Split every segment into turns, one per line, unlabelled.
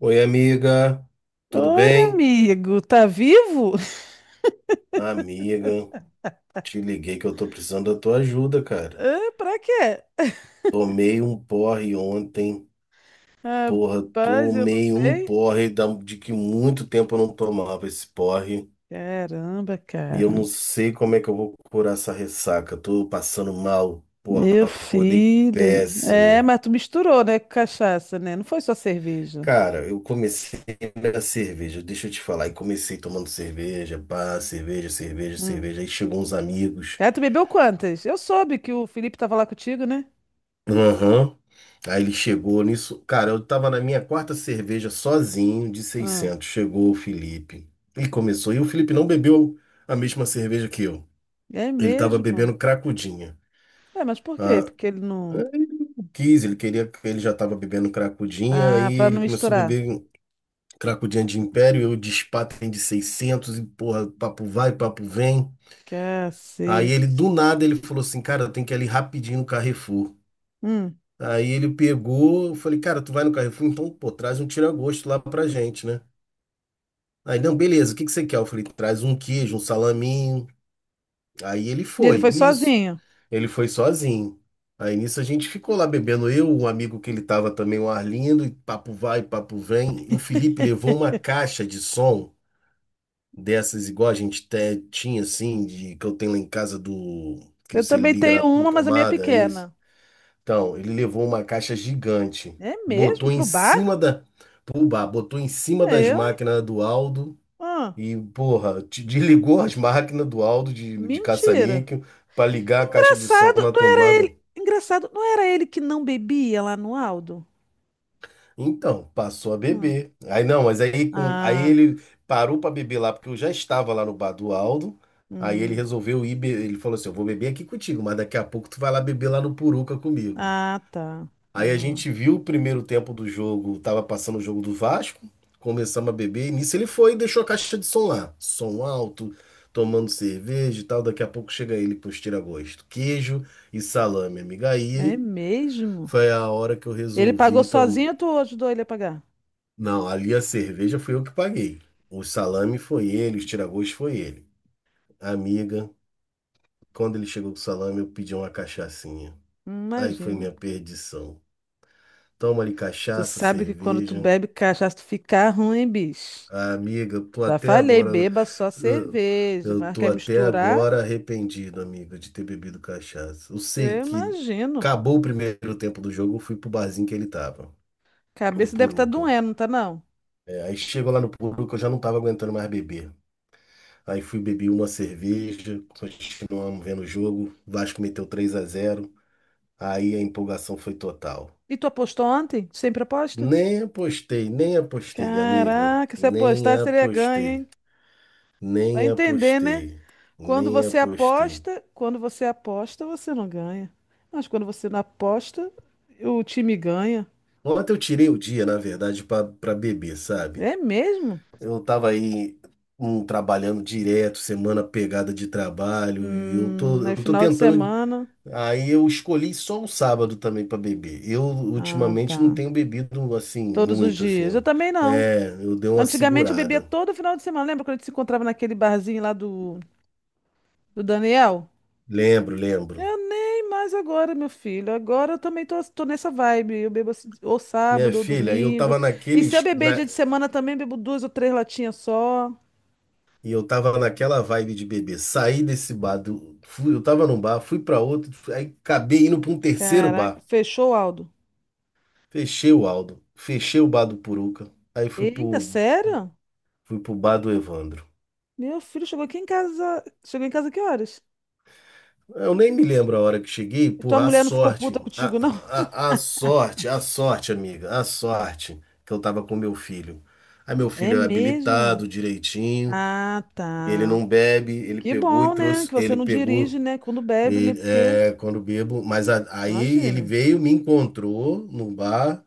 Oi, amiga, tudo
Oi,
bem?
amigo, tá vivo?
Amiga, te liguei que eu tô precisando da tua ajuda, cara.
Ah, pra quê?
Tomei um porre ontem, porra,
Rapaz, eu não
tomei um
sei.
porre de que muito tempo eu não tomava esse porre.
Caramba,
E eu não
cara.
sei como é que eu vou curar essa ressaca. Tô passando mal, porra,
Meu
acordei
filho. É,
péssimo.
mas tu misturou, né, com cachaça, né? Não foi só cerveja.
Cara, eu comecei na cerveja, deixa eu te falar, e comecei tomando cerveja, pá, cerveja, cerveja,
Hum.
cerveja. Aí chegou uns amigos.
Ah, tu bebeu quantas? Eu soube que o Felipe tava lá contigo, né?
Aham. Aí ele chegou nisso. Cara, eu tava na minha quarta cerveja sozinho de
Ah,
600. Chegou o Felipe. E começou. E o Felipe não bebeu a mesma cerveja que eu.
é
Ele tava
mesmo?
bebendo cracudinha.
É, mas por quê?
Ah,
Porque ele não.
eu quis, ele queria, ele já tava bebendo cracudinha. Aí
Ah, pra
ele
não
começou a
misturar.
beber cracudinha de Império. Eu de Spaten de 600. E porra, papo vai, papo vem. Aí ele,
Cacete.
do nada, ele falou assim: cara, eu tenho que ir ali rapidinho no Carrefour.
Hum.
Aí ele pegou, eu falei, cara, tu vai no Carrefour, então, pô, traz um tira-gosto lá pra gente, né? Aí, não, beleza, o que que você quer? Eu falei, traz um queijo, um salaminho. Aí ele
E ele
foi,
foi
nisso.
sozinho.
Ele foi sozinho. Aí nisso a gente ficou lá bebendo, eu, um amigo que ele tava também, o Arlindo, e papo vai, papo vem. O Felipe levou uma caixa de som dessas, igual a gente tinha, assim, de, que eu tenho lá em casa do, que
Eu
você
também
liga na
tenho uma, mas a minha é
tomada, isso.
pequena.
Então, ele levou uma caixa gigante,
É mesmo?
botou em
Pro bar?
cima da. Pô, botou em cima
É
das
eu, hein?
máquinas do Aldo,
Ah,
e, porra, te desligou as máquinas do Aldo de
mentira.
caça-níquel para ligar a caixa de som
Engraçado,
na
não era
tomada.
ele. Engraçado, não era ele que não bebia lá no Aldo?
Então, passou a
Hum.
beber. Aí não, mas aí, aí
Ah,
ele parou para beber lá, porque eu já estava lá no bar do Aldo. Aí ele
hum.
resolveu ir, ele falou assim: eu vou beber aqui contigo, mas daqui a pouco tu vai lá beber lá no Puruca comigo.
Ah, tá.
Aí a
Ah,
gente viu o primeiro tempo do jogo, tava passando o jogo do Vasco, começamos a beber, e nisso ele foi e deixou a caixa de som lá. Som alto, tomando cerveja e tal. Daqui a pouco chega ele com os tira-gosto, queijo e salame, amiga.
é
Aí
mesmo?
foi a hora que eu
Ele pagou
resolvi tomar.
sozinho ou tu ajudou ele a pagar?
Não, ali a cerveja foi eu que paguei. O salame foi ele, os tira-gosto foi ele. Amiga, quando ele chegou com o salame, eu pedi uma cachaçinha. Aí foi
Imagino.
minha perdição. Toma ali
Tu
cachaça,
sabe que quando tu
cerveja.
bebe cachaça, tu fica ruim, bicho.
Ah, amiga, tô
Já
até
falei,
agora.
beba só
Eu
cerveja,
eu
mas
tô
quer
até
misturar?
agora arrependido, amiga, de ter bebido cachaça. Eu sei
Eu
que
imagino.
acabou o primeiro tempo do jogo, eu fui pro barzinho que ele tava, do
Cabeça deve estar
Puruca.
doendo, não tá não?
É, aí chegou lá no Puruca, eu já não tava aguentando mais beber. Aí fui beber uma cerveja, continuamos vendo o jogo. Vasco meteu 3-0. Aí a empolgação foi total.
E tu apostou ontem? Tu sempre aposta?
Nem apostei, nem apostei, amiga.
Caraca, se
Nem
apostar seria ganho,
apostei.
hein? Vai
Nem
entender, né?
apostei. Nem apostei.
Quando você aposta, você não ganha. Mas quando você não aposta, o time ganha.
Ontem eu tirei o dia, na verdade, pra beber, sabe?
É mesmo?
Eu tava aí trabalhando direto, semana pegada de trabalho, e eu tô, eu
É
tô
final de
tentando.
semana.
Aí eu escolhi só o sábado também pra beber. Eu
Ah,
ultimamente não
tá.
tenho bebido assim,
Todos os
muito assim,
dias.
ó.
Eu também não.
É, eu dei uma
Antigamente eu bebia
segurada.
todo final de semana. Lembra quando a gente se encontrava naquele barzinho lá do, do Daniel?
Lembro, lembro.
Eu nem mais agora, meu filho. Agora eu também tô, tô nessa vibe. Eu bebo assim, ou
Minha
sábado ou
filha, eu
domingo.
tava
E se eu
naqueles.
beber dia de semana também, bebo duas ou três latinhas só.
E eu tava naquela vibe de bebê. Saí desse bar, fui, eu tava num bar, fui pra outro, aí acabei indo pra um terceiro
Caraca,
bar.
fechou, Aldo?
Fechei o Aldo, fechei o bar do Puruca, aí fui
Eita,
pro,
sério?
fui pro bar do Evandro.
Meu filho chegou aqui em casa. Chegou em casa que horas?
Eu nem me lembro a hora que cheguei,
E tua
porra, a
mulher não ficou
sorte,
puta contigo, não?
amiga, a sorte que eu tava com meu filho. Aí meu
É
filho era
mesmo?
habilitado direitinho,
Ah,
ele
tá.
não bebe, ele
Que
pegou e
bom, né?
trouxe,
Que você
ele
não
pegou.
dirige, né? Quando bebe, né?
E,
Porque,
é, quando bebo, mas aí ele
imagina.
veio, me encontrou no bar,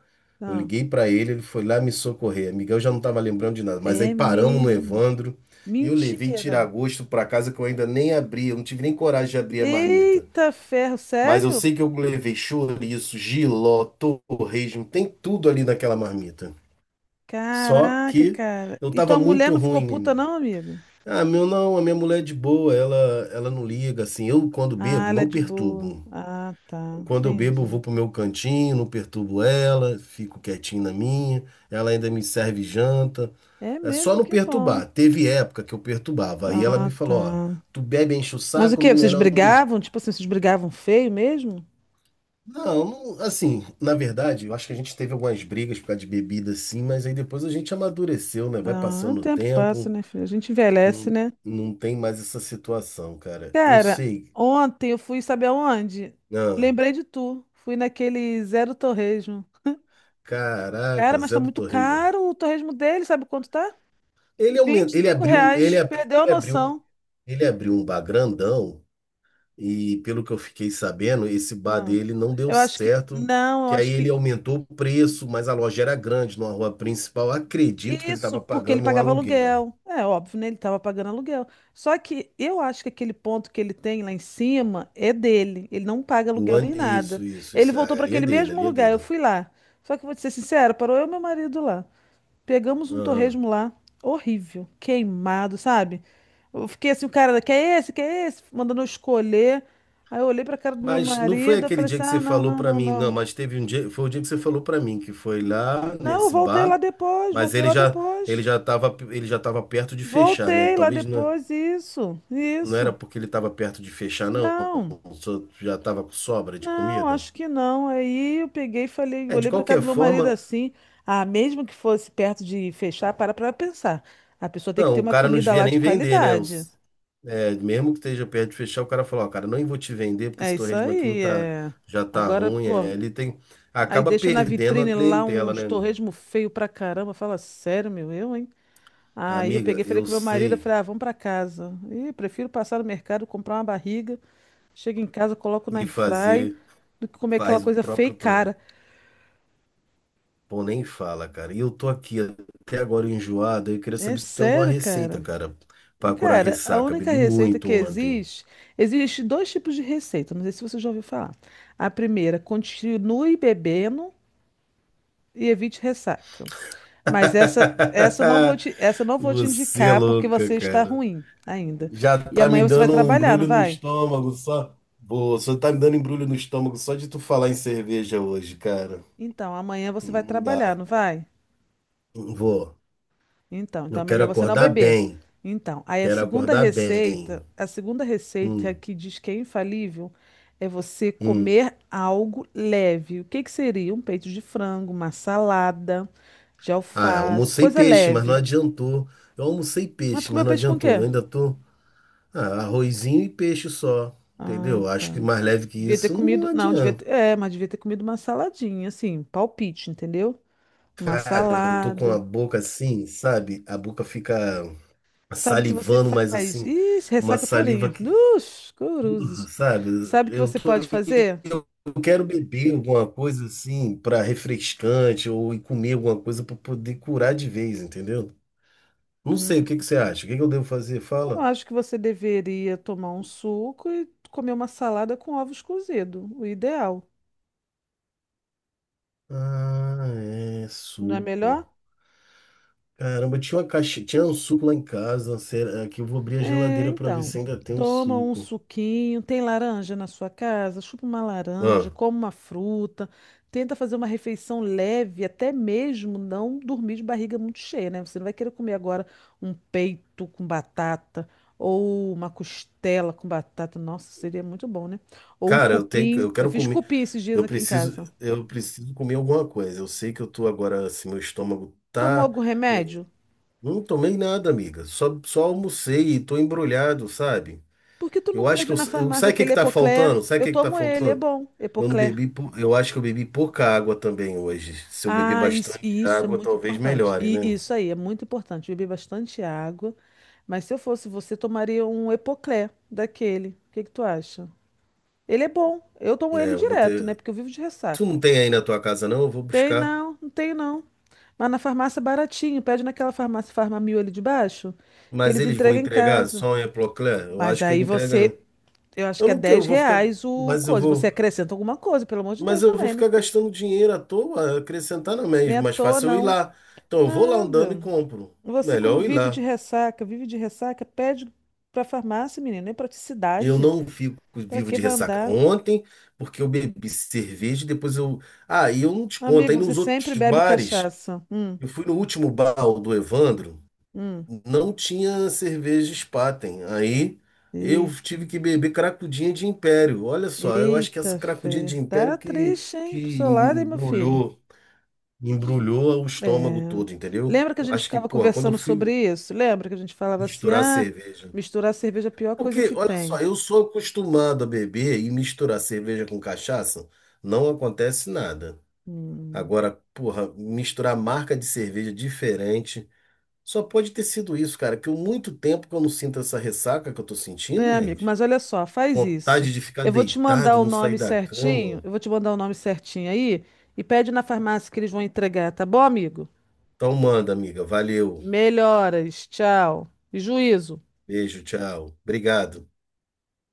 eu
Ah,
liguei pra ele, ele foi lá me socorrer. Miguel já não tava lembrando de nada, mas aí
é
paramos no
mesmo.
Evandro e eu levei
Mentira.
tira-gosto pra casa que eu ainda nem abri, eu não tive nem coragem de abrir a marmita.
Eita ferro,
Mas eu
sério?
sei que eu levei chouriço, jiló, torresmo, tem tudo ali naquela marmita. Só
Caraca,
que
cara.
eu
E
tava
tua mulher
muito
não ficou puta,
ruim.
não, amigo?
Ah, meu não, a minha mulher é de boa, ela não liga assim. Eu quando
Ah,
bebo
ela é
não
de boa.
perturbo.
Ah, tá.
Quando eu bebo, eu vou
Entendi.
pro meu cantinho, não perturbo ela, fico quietinho na minha, ela ainda me serve janta.
É
É só
mesmo,
não
que
perturbar.
bom.
Teve época que eu perturbava. Aí ela me
Ah, tá.
falou, ó, tu bebe, enche o
Mas o
saco,
quê? Vocês
melhor não.
brigavam? Tipo assim, vocês brigavam feio mesmo?
Não, assim, na verdade, eu acho que a gente teve algumas brigas por causa de bebida, sim, mas aí depois a gente amadureceu, né? Vai
Ah, o
passando o
tempo passa,
tempo,
né, filho? A gente envelhece,
não,
né?
não tem mais essa situação, cara. Eu
Cara,
sei.
ontem eu fui, sabe aonde?
Não,
Lembrei de tu. Fui naquele Zero Torresmo. Cara,
caraca,
mas tá
Zé do
muito
Torrejão.
caro o torresmo dele, sabe quanto tá?
Ele, aumen-
vinte e
ele
cinco
abriu, um, ele
reais.
abriu,
Perdeu a
ele abriu. um
noção.
Ele abriu um bar grandão e, pelo que eu fiquei sabendo, esse bar
Ah,
dele não deu
eu acho que.
certo,
Não, eu
que aí
acho
ele
que.
aumentou o preço, mas a loja era grande, numa rua principal. Acredito que ele estava
Isso, porque ele
pagando um
pagava
aluguel.
aluguel. É óbvio, né? Ele estava pagando aluguel. Só que eu acho que aquele ponto que ele tem lá em cima é dele. Ele não paga
O
aluguel nem
ano, isso,
nada.
isso,
Ele
isso,
voltou
é,
para
ali é
aquele
dele,
mesmo
ali é
lugar. Eu
dele.
fui lá. Só que vou te ser sincera, parou eu e meu marido lá. Pegamos um
Aham.
torresmo lá, horrível, queimado, sabe? Eu fiquei assim, o cara, quer esse, quer esse? Mandando eu escolher. Aí eu olhei pra cara do meu
Mas não foi
marido, eu
aquele
falei
dia
assim,
que você
ah, não,
falou
não,
para
não,
mim, não,
não.
mas teve um dia, foi o dia que você falou para mim que foi lá
Não, eu
nesse
voltei lá
bar,
depois,
mas
voltei lá depois.
ele já estava perto de fechar, né?
Voltei lá
Talvez não.
depois, isso,
Não era
isso.
porque ele estava perto de fechar, não.
Não,
Já estava com sobra de
não,
comida.
acho que não. Aí eu peguei e falei,
É, de
olhei pra cara
qualquer
do meu marido
forma,
assim, ah, mesmo que fosse perto de fechar, para pra pensar. A pessoa tem que
não,
ter
o
uma
cara não
comida
devia
lá de
nem vender, né?
qualidade.
Mesmo que esteja perto de fechar, o cara falou, ó, cara, não vou te vender porque
É
esse
isso
torresmo aqui não
aí,
tá,
é.
já tá
Agora,
ruim.
pô,
É, ele tem,
aí
acaba
deixa na
perdendo a
vitrine lá
clientela,
uns
né?
torresmo feio pra caramba. Fala, sério, meu, eu, hein? Aí eu
Amiga,
peguei, falei
eu
com meu marido, eu
sei
falei, ah, vamos pra casa. Ih, prefiro passar no mercado, comprar uma barriga, chego em casa, coloco na
e
airfry,
fazer,
do que comer aquela
faz o
coisa feia e
próprio torresmo.
cara.
Pô, nem fala, cara. E eu tô aqui até agora enjoado, eu queria
É
saber se tu tem alguma
sério,
receita,
cara.
cara, pra curar
Cara, a
ressaca.
única
Bebi
receita
muito
que
ontem.
existe, existe dois tipos de receita, não sei se você já ouviu falar. A primeira, continue bebendo e evite ressaca. Mas essa eu não vou te, essa eu não vou te
Você é
indicar porque
louca,
você está
cara.
ruim ainda.
Já
E
tá me
amanhã você vai
dando um
trabalhar, não
embrulho no
vai?
estômago só. Boa, só tá me dando embrulho no estômago só de tu falar em cerveja hoje, cara.
Então, amanhã você vai
Não
trabalhar,
dá.
não vai?
Não vou.
Então, então é
Eu quero
melhor você não
acordar
beber.
bem.
Então, aí
Quero acordar bem.
a segunda receita
Hum,
que diz que é infalível é você
hum.
comer algo leve. O que que seria? Um peito de frango, uma salada de
Ah,
alface,
almocei
coisa
peixe, mas não
leve.
adiantou. Eu almocei
Mas tu
peixe, mas
comeu
não
peixe com o
adiantou.
quê?
Eu ainda tô. Ah, arrozinho e peixe só.
Ah,
Entendeu? Acho que
tá.
mais leve que
Devia ter
isso não
comido. Não, devia
adianta.
ter. É, mas devia ter comido uma saladinha, assim, um palpite, entendeu? Uma
Cara, eu tô com a
salada.
boca assim, sabe? A boca fica
Sabe o que você
salivando, mas
faz?
assim,
Ih,
uma
ressaca
saliva
purinha.
que,
Dos curuzes.
sabe?
Sabe o que
Eu
você
tô,
pode fazer?
eu quero beber alguma coisa assim para refrescante ou ir comer alguma coisa para poder curar de vez, entendeu? Não
Hum,
sei, o que que você acha? O que que eu devo fazer?
eu
Fala.
acho que você deveria tomar um suco e comer uma salada com ovos cozidos. O ideal.
Ah, é
Não é
suco.
melhor?
Caramba, tinha uma caixa, tinha um suco lá em casa. Será que eu vou abrir a
É,
geladeira para ver
então,
se ainda tem um
toma um
suco?
suquinho, tem laranja na sua casa, chupa uma laranja,
Ah,
come uma fruta, tenta fazer uma refeição leve, até mesmo não dormir de barriga muito cheia, né? Você não vai querer comer agora um peito com batata ou uma costela com batata. Nossa, seria muito bom, né? Ou um
cara, eu tenho,
cupim.
eu
Eu
quero
fiz
comer.
cupim esses dias
Eu
aqui em
preciso,
casa.
eu preciso comer alguma coisa. Eu sei que eu tô agora, assim, meu estômago
Tomou
tá.
algum
Eu
remédio?
não tomei nada, amiga. Só almocei e tô embrulhado, sabe?
Por que tu não
Eu acho que
pede na farmácia
sabe o que que
aquele
tá
Epocler?
faltando? Sabe o
Eu
que que tá
tomo ele, é
faltando?
bom,
Eu não
Epocler.
bebi, eu acho que eu bebi pouca água também hoje. Se eu beber
Ah, isso,
bastante
e isso é
água,
muito
talvez
importante.
melhore,
E
né?
isso aí é muito importante. Beber bastante água. Mas se eu fosse você, tomaria um Epoclé daquele. O que que tu acha? Ele é bom. Eu tomo
É,
ele
eu vou
direto, né?
ter.
Porque eu vivo de
Tu
ressaca.
não tem aí na tua casa, não? Eu vou
Tem
buscar.
não, não tem não. Mas na farmácia é baratinho. Pede naquela farmácia Farmamil ali de baixo, que
Mas
eles
eles vão
entregam em
entregar?
casa.
Sonha, Procler? Eu
Mas
acho que ele
aí
entrega.
você, eu acho
Eu
que é
não quero, eu
10
vou ficar.
reais o
Mas eu
coisa. Você
vou.
acrescenta alguma coisa, pelo amor de
Mas
Deus
eu vou
também, né?
ficar gastando dinheiro à toa, acrescentar não
Nem
mesmo.
à
Mais
toa,
fácil eu ir
não.
lá. Então eu vou lá andando e
Nada.
compro.
Você,
Melhor
como
eu ir lá.
vive de ressaca, pede pra farmácia, menina. É
Eu
praticidade.
não fico
Pra
vivo
que
de
vai
ressaca.
andar?
Ontem, porque eu bebi cerveja, e depois eu. Ah, e eu não te conto. Aí
Amigo, você
nos
sempre
outros
bebe
bares,
cachaça.
eu fui no último bar o do Evandro,
Hum.
não tinha cerveja Spaten. Aí eu
Eita,
tive que beber cracudinha de Império. Olha só, eu acho que essa
eita,
cracudinha de
fé.
Império
Tá
que,
triste, hein? Pro
que
seu lado, hein, meu filho?
embrulhou. embrulhou. O estômago
É.
todo, entendeu?
Lembra que a
Eu
gente
acho que,
ficava
porra, quando eu
conversando sobre
fui
isso? Lembra que a gente falava assim:
misturar
ah,
cerveja.
misturar cerveja é a pior coisa
Porque,
que
olha só,
tem.
eu sou acostumado a beber e misturar cerveja com cachaça, não acontece nada.
Hum.
Agora, porra, misturar marca de cerveja diferente, só pode ter sido isso, cara, que eu muito tempo que eu não sinto essa ressaca que eu tô sentindo,
É, amigo,
gente.
mas olha só, faz isso.
Vontade de ficar
Eu vou te mandar
deitado,
o
não sair
nome
da
certinho,
cama.
eu vou te mandar o nome certinho aí e pede na farmácia que eles vão entregar, tá bom, amigo?
Então manda, amiga. Valeu.
Melhoras, tchau. E juízo.
Beijo, tchau. Obrigado.